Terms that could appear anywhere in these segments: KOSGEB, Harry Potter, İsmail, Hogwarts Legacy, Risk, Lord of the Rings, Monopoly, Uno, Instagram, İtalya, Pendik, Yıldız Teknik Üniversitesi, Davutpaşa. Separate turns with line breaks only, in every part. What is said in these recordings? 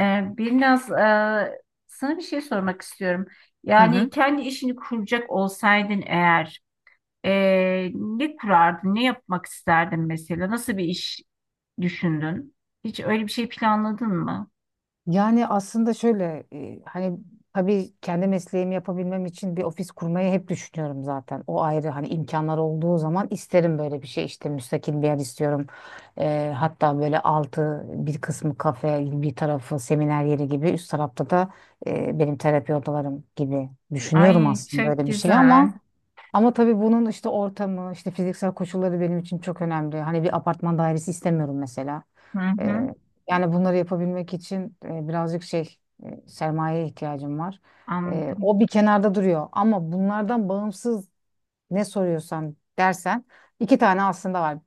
Ee, Biraz sana bir şey sormak istiyorum.
Hı
Yani
hı.
kendi işini kuracak olsaydın eğer ne kurardın, ne yapmak isterdin mesela? Nasıl bir iş düşündün? Hiç öyle bir şey planladın mı?
Yani aslında şöyle tabii kendi mesleğimi yapabilmem için bir ofis kurmayı hep düşünüyorum zaten. O ayrı hani imkanlar olduğu zaman isterim böyle bir şey işte müstakil bir yer istiyorum. Hatta böyle altı bir kısmı kafe bir tarafı seminer yeri gibi üst tarafta da benim terapi odalarım gibi düşünüyorum
Ay
aslında
çok
öyle bir şey ama
güzel.
ama tabii bunun işte ortamı, işte fiziksel koşulları benim için çok önemli. Hani bir apartman dairesi istemiyorum mesela.
Hı hı,
Ee, yani bunları yapabilmek için birazcık şey, sermayeye ihtiyacım var.
anladım.
O bir kenarda duruyor. Ama bunlardan bağımsız ne soruyorsan dersen iki tane aslında var.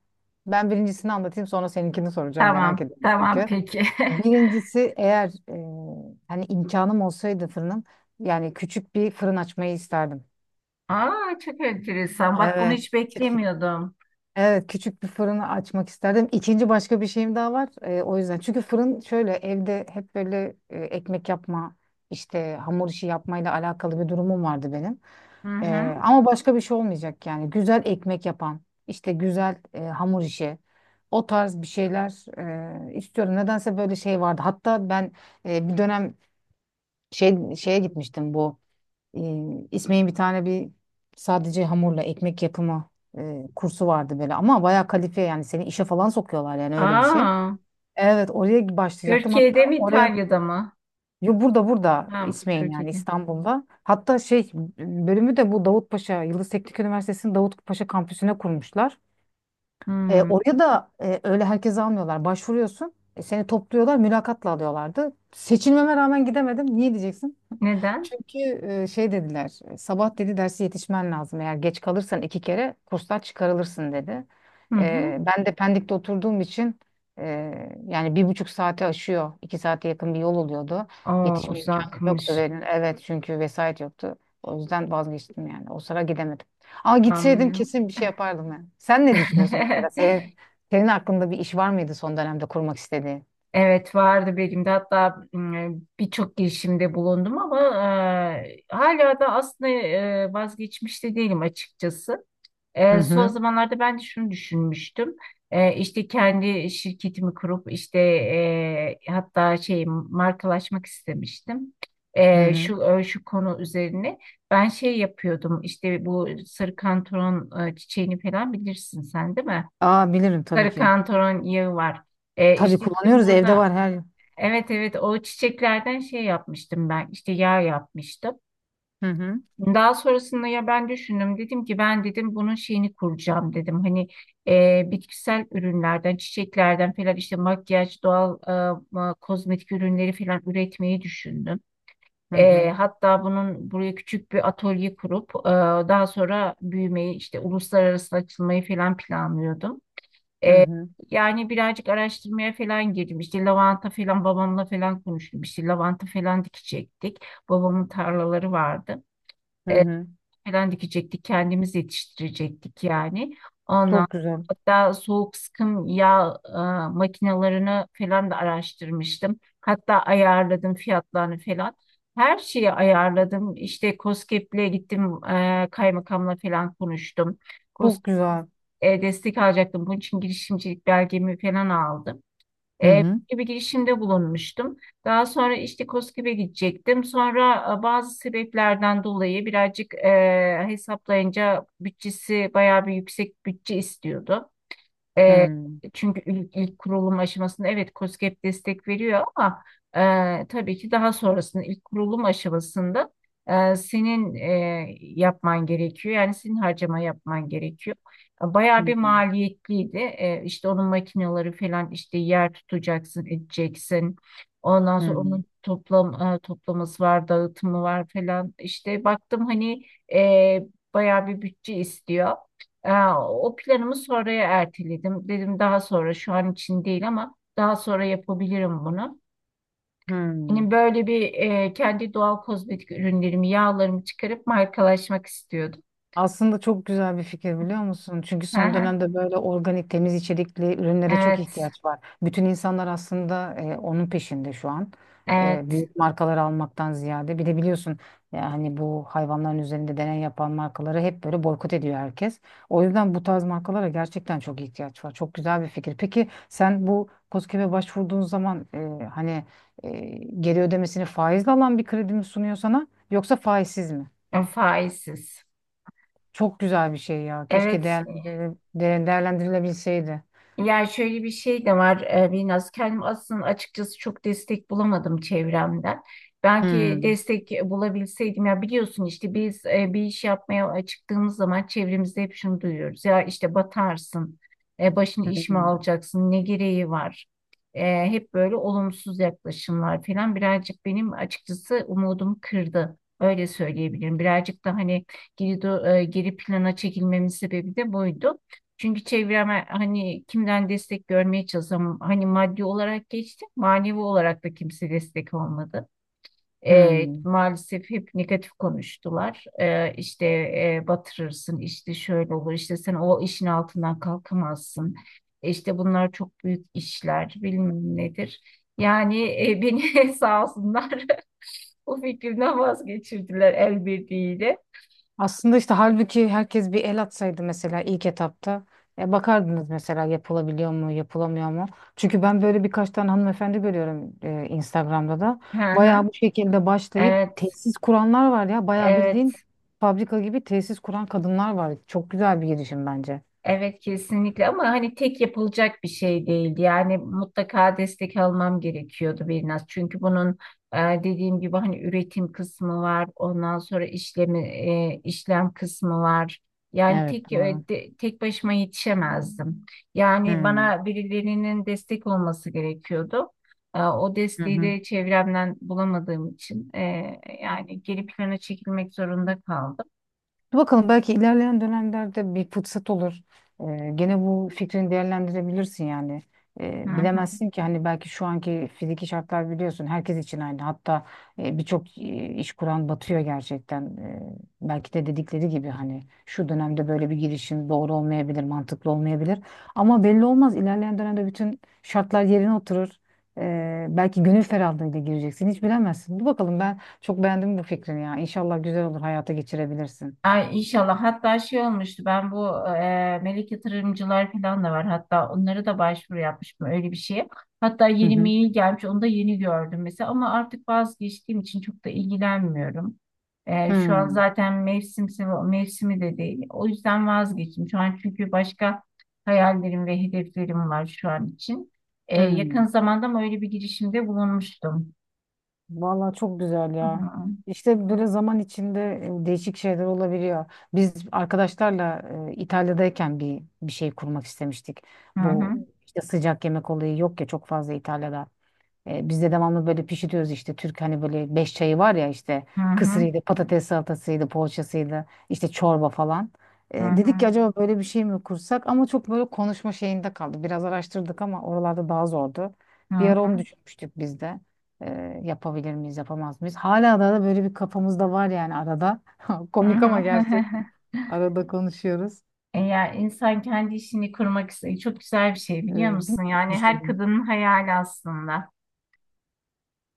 Ben birincisini anlatayım, sonra seninkini soracağım, merak
Tamam,
ediyorum
tamam
çünkü.
peki.
Birincisi, eğer hani imkanım olsaydı, fırınım yani küçük bir fırın açmayı isterdim.
Aa, çok enteresan. Bak bunu
Evet.
hiç beklemiyordum.
Evet, küçük bir fırını açmak isterdim. İkinci başka bir şeyim daha var. O yüzden. Çünkü fırın şöyle, evde hep böyle ekmek yapma, işte hamur işi yapmayla alakalı bir durumum vardı benim.
Hı hı.
Ama başka bir şey olmayacak yani. Güzel ekmek yapan, işte güzel hamur işi, o tarz bir şeyler istiyorum. Nedense böyle şey vardı. Hatta ben bir dönem şeye gitmiştim bu. İsmail'in bir tane bir sadece hamurla ekmek yapımı kursu vardı böyle, ama bayağı kalifiye, yani seni işe falan sokuyorlar, yani öyle bir şey.
Aa,
Evet, oraya başlayacaktım hatta
Türkiye'de mi
oraya,
İtalya'da mı?
yo, burada
Ha,
İsmail yani
Türkiye'de.
İstanbul'da. Hatta şey bölümü de bu Davutpaşa, Yıldız Teknik Üniversitesi'nin Davutpaşa kampüsüne kurmuşlar.
Hmm,
Oraya da öyle herkese almıyorlar. Başvuruyorsun, seni topluyorlar, mülakatla alıyorlardı. Seçilmeme rağmen gidemedim. Niye diyeceksin?
neden?
Çünkü şey dediler, sabah dedi dersi yetişmen lazım. Eğer geç kalırsan iki kere kurslar çıkarılırsın dedi.
Hı hı.
Ben de Pendik'te oturduğum için e, yani bir buçuk saate aşıyor. İki saate yakın bir yol oluyordu.
Aa,
Yetişme imkanım yoktu.
uzakmış.
Ve, evet, çünkü vesait yoktu. O yüzden vazgeçtim yani. O sıra gidemedim. Ama gitseydim
Anlıyorum.
kesin bir şey yapardım yani. Sen ne düşünüyorsun mesela? Senin aklında bir iş var mıydı son dönemde kurmak istediğin?
Evet vardı benim de hatta birçok girişimde bulundum ama hala da aslında vazgeçmiş de değilim açıkçası.
Hı
Son
hı.
zamanlarda ben de şunu düşünmüştüm. İşte kendi şirketimi kurup işte hatta şey markalaşmak istemiştim.
Hı
Ee,
hı.
şu e, şu konu üzerine ben şey yapıyordum, İşte bu sarı kantaron çiçeğini falan bilirsin sen değil mi?
Aa, bilirim tabii
Sarı
ki.
kantaron yağı var.
Tabii
İşte bizim
kullanıyoruz, evde
burada
var her
evet, evet, o çiçeklerden şey yapmıştım ben, İşte yağ yapmıştım.
Hı hı.
Daha sonrasında ya ben düşündüm, dedim ki ben dedim bunun şeyini kuracağım dedim. Hani bitkisel ürünlerden, çiçeklerden falan işte makyaj, doğal kozmetik ürünleri falan üretmeyi düşündüm.
Hı hı.
Hatta bunun buraya küçük bir atölye kurup daha sonra büyümeyi, işte uluslararası açılmayı falan planlıyordum.
Hı
E,
hı.
Yani birazcık araştırmaya falan girdim. İşte lavanta falan babamla falan konuştum. İşte lavanta falan dikecektik. Babamın tarlaları vardı.
Hı
E,
hı.
Falan dikecektik. Kendimiz yetiştirecektik yani. Ondan
Çok güzel.
hatta soğuk sıkım yağ makinelerini falan da araştırmıştım. Hatta ayarladım fiyatlarını falan. Her şeyi ayarladım. İşte KOSGEB'le gittim, kaymakamla falan konuştum.
Çok
KOSGEB
güzel.
destek alacaktım. Bunun için girişimcilik belgemi falan aldım.
Hı
E,
hı.
Gibi girişimde bulunmuştum. Daha sonra işte KOSGEB'e gidecektim. Sonra bazı sebeplerden dolayı birazcık hesaplayınca bütçesi bayağı bir yüksek bütçe istiyordu.
Hı
E,
hı.
Çünkü ilk kurulum aşamasında evet KOSGEB destek veriyor ama tabii ki daha sonrasında ilk kurulum aşamasında senin yapman gerekiyor. Yani senin harcama yapman gerekiyor.
Hı
Bayağı bir maliyetliydi. İşte onun makineleri falan, işte yer tutacaksın, edeceksin. Ondan sonra
hı.
onun toplaması var, dağıtımı var falan. İşte baktım hani e, bayağı bir bütçe istiyor. Aa, o planımı sonraya erteledim. Dedim daha sonra, şu an için değil ama daha sonra yapabilirim bunu.
Hı hı.
Hani böyle bir kendi doğal kozmetik ürünlerimi, yağlarımı çıkarıp markalaşmak istiyordum.
Aslında çok güzel bir fikir, biliyor musun? Çünkü
Hı
son
hı.
dönemde böyle organik, temiz içerikli ürünlere çok
Evet,
ihtiyaç var. Bütün insanlar aslında onun peşinde şu an.
evet.
Büyük markalar almaktan ziyade. Bir de biliyorsun yani bu hayvanların üzerinde deney yapan markaları hep böyle boykot ediyor herkes. O yüzden bu tarz markalara gerçekten çok ihtiyaç var. Çok güzel bir fikir. Peki, sen bu KOSGEB'e başvurduğun zaman e, geri ödemesini faizle alan bir kredi mi sunuyor sana, yoksa faizsiz mi?
Faizsiz.
Çok güzel bir şey ya. Keşke
Evet.
değerlendir- de- değerlendirilebilseydi.
Yani şöyle bir şey de var Binnaz. Kendim aslında açıkçası çok destek bulamadım çevremden. Belki
Hmm,
destek bulabilseydim, ya biliyorsun, işte biz bir iş yapmaya çıktığımız zaman çevremizde hep şunu duyuyoruz. Ya işte batarsın, başını iş mi
hmm,
alacaksın, ne gereği var? E, Hep böyle olumsuz yaklaşımlar falan birazcık benim açıkçası umudumu kırdı. Öyle söyleyebilirim. Birazcık da hani geri plana çekilmemin sebebi de buydu. Çünkü çevreme hani kimden destek görmeye çalışsam hani maddi olarak geçtim, manevi olarak da kimse destek olmadı.
hmm.
Maalesef hep negatif konuştular. İşte batırırsın, işte şöyle olur, işte sen o işin altından kalkamazsın. İşte bunlar çok büyük işler, bilmem nedir. Yani beni sağ olsunlar bu fikrimden vazgeçirdiler el birliğiyle.
Aslında işte halbuki herkes bir el atsaydı mesela ilk etapta. Bakardınız mesela, yapılabiliyor mu, yapılamıyor mu? Çünkü ben böyle birkaç tane hanımefendi görüyorum Instagram'da da.
Hı hı.
Bayağı bu şekilde başlayıp
Evet,
tesis kuranlar var ya. Bayağı bildiğin
evet.
fabrika gibi tesis kuran kadınlar var. Çok güzel bir girişim bence.
Evet kesinlikle ama hani tek yapılacak bir şey değildi. Yani mutlaka destek almam gerekiyordu biraz. Çünkü bunun e, dediğim gibi hani üretim kısmı var. Ondan sonra işlem kısmı var. Yani
Evet,
tek e,
doğru.
de- tek başıma yetişemezdim. Yani
Hmm.
bana birilerinin destek olması gerekiyordu. O
Hı
desteği
hı.
de çevremden bulamadığım için yani geri plana çekilmek zorunda kaldım.
Dur bakalım, belki ilerleyen dönemlerde bir fırsat olur. Gene bu fikrini değerlendirebilirsin yani.
Hı.
Bilemezsin ki hani belki şu anki fiziki şartlar, biliyorsun, herkes için aynı. Hatta birçok iş kuran batıyor gerçekten. Belki de dedikleri gibi hani şu dönemde böyle bir girişim doğru olmayabilir, mantıklı olmayabilir. Ama belli olmaz, ilerleyen dönemde bütün şartlar yerine oturur. Belki gönül ferahlığıyla gireceksin, hiç bilemezsin. Dur bakalım, ben çok beğendim bu fikrini ya. İnşallah güzel olur, hayata geçirebilirsin.
Ay inşallah. Hatta şey olmuştu. Ben bu melek yatırımcılar falan da var. Hatta onlara da başvuru yapmıştım öyle bir şeye. Hatta
Hı
yeni
hı.
mail gelmiş. Onu da yeni gördüm mesela. Ama artık vazgeçtiğim için çok da ilgilenmiyorum. Şu an
Hmm,
zaten mevsimi de değil. O yüzden vazgeçtim. Şu an çünkü başka hayallerim ve hedeflerim var şu an için.
hmm.
Yakın zamanda mı öyle bir girişimde bulunmuştum.
Vallahi çok güzel
Hı
ya.
hı.
İşte böyle zaman içinde değişik şeyler olabiliyor. Biz arkadaşlarla İtalya'dayken bir şey kurmak istemiştik.
Hı
Bu
hı.
işte sıcak yemek olayı yok ya çok fazla İtalya'da. Biz de devamlı böyle pişiriyoruz işte, Türk hani böyle beş çayı var ya, işte
Hı hı.
kısırıydı, patates salatasıydı, poğaçasıydı, işte çorba falan.
Hı
Dedik ki
hı.
acaba böyle bir şey mi kursak, ama çok böyle konuşma şeyinde kaldı. Biraz araştırdık ama oralarda daha zordu.
Hı
Bir ara
hı.
onu düşünmüştük biz de. Yapabilir miyiz, yapamaz mıyız? Hala da böyle bir kafamızda var yani arada.
Hı
Komik ama gerçi
hı.
arada konuşuyoruz.
Eğer insan kendi işini kurmak istiyor, çok güzel bir şey biliyor musun?
Bilmiyorum,
Yani her
düşündüm.
kadının hayali aslında.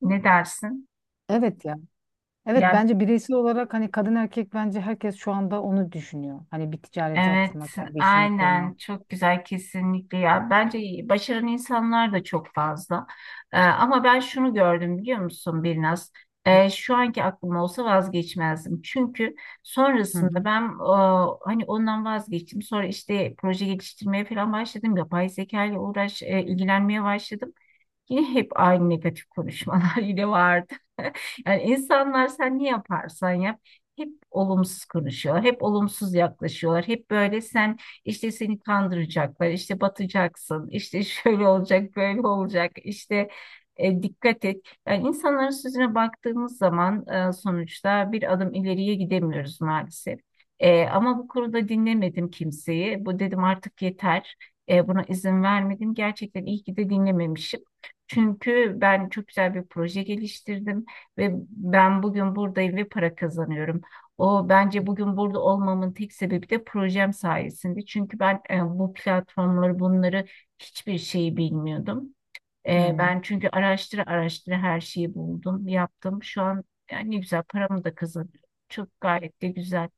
Ne dersin?
Evet ya. Evet,
Ya
bence bireysel olarak hani kadın erkek bence herkes şu anda onu düşünüyor. Hani bir ticarete
evet,
atılmak, yani bir işimi
aynen,
kurma.
çok güzel kesinlikle ya. Bence iyi, başaran insanlar da çok fazla. Ama ben şunu gördüm biliyor musun Birnaz? Şu anki aklım olsa vazgeçmezdim. Çünkü
Hı
sonrasında
hı.
ben hani ondan vazgeçtim. Sonra işte proje geliştirmeye falan başladım. Yapay zeka ile ilgilenmeye başladım. Yine hep aynı negatif konuşmalar yine vardı. Yani insanlar, sen ne yaparsan yap hep olumsuz konuşuyorlar, hep olumsuz yaklaşıyorlar. Hep böyle sen, işte seni kandıracaklar, işte batacaksın, işte şöyle olacak, böyle olacak, işte dikkat et. Yani insanların sözüne baktığımız zaman sonuçta bir adım ileriye gidemiyoruz maalesef. Ama bu konuda dinlemedim kimseyi. Bu dedim, artık yeter. Buna izin vermedim. Gerçekten iyi ki de dinlememişim. Çünkü ben çok güzel bir proje geliştirdim ve ben bugün buradayım ve para kazanıyorum. O, bence bugün burada olmamın tek sebebi de projem sayesinde. Çünkü ben bu platformları, bunları hiçbir şeyi bilmiyordum.
Hı hı.
Ben çünkü araştıra araştıra her şeyi buldum, yaptım. Şu an yani ne güzel paramı da kazanıyorum. Çok gayet de güzel.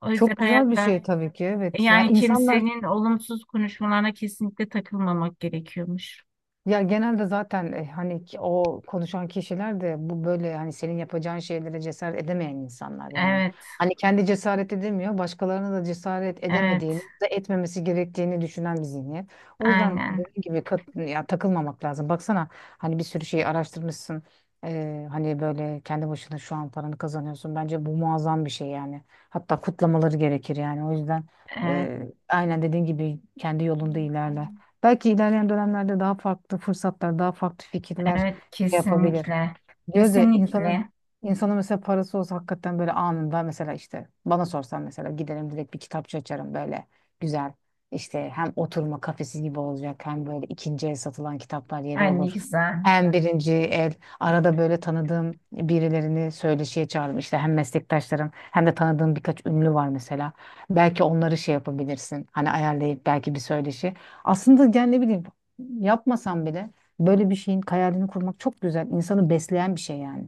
O yüzden
Çok güzel bir
hayatta
şey tabii ki, evet. Yani
yani
insanlar
kimsenin olumsuz konuşmalarına kesinlikle takılmamak gerekiyormuş.
Ya genelde zaten o konuşan kişiler de bu böyle hani senin yapacağın şeylere cesaret edemeyen insanlar yani.
Evet,
Hani kendi cesaret edemiyor, başkalarına da cesaret
evet,
edemediğini ya da etmemesi gerektiğini düşünen bir zihniyet. O yüzden
aynen.
dediğim gibi takılmamak lazım. Baksana hani bir sürü şeyi araştırmışsın. Hani böyle kendi başına şu an paranı kazanıyorsun. Bence bu muazzam bir şey yani. Hatta kutlamaları gerekir yani. O yüzden
Evet,
e, aynen dediğin gibi kendi yolunda ilerle. Belki ilerleyen dönemlerde daha farklı fırsatlar, daha farklı fikirler
evet,
şey yapabilir.
kesinlikle.
Gözde insanın
Kesinlikle.
insanın mesela parası olsa hakikaten böyle anında, mesela işte bana sorsan, mesela giderim direkt bir kitapçı açarım böyle güzel, işte hem oturma kafesi gibi olacak, hem böyle ikinci el satılan kitaplar yeri
Ay, ne
olur.
güzel.
Hem birinci el arada böyle tanıdığım birilerini söyleşiye çağırırım, işte hem meslektaşlarım hem de tanıdığım birkaç ünlü var mesela. Belki onları şey yapabilirsin, hani ayarlayıp belki bir söyleşi. Aslında yani ne bileyim, yapmasam bile böyle bir şeyin hayalini kurmak çok güzel. İnsanı besleyen bir şey yani.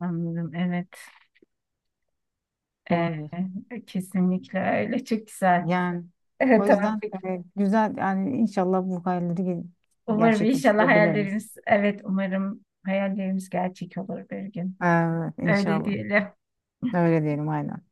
Anladım. Evet. Ee,
Doğrudur.
Kesinlikle öyle. Çok güzel.
Yani
Evet,
o
tamam,
yüzden
peki.
güzel yani, inşallah
Umarım inşallah
gerçekleştirebiliriz.
hayallerimiz, evet, umarım hayallerimiz gerçek olur bir gün.
Evet,
Öyle
inşallah.
diyelim.
Öyle diyelim, aynen.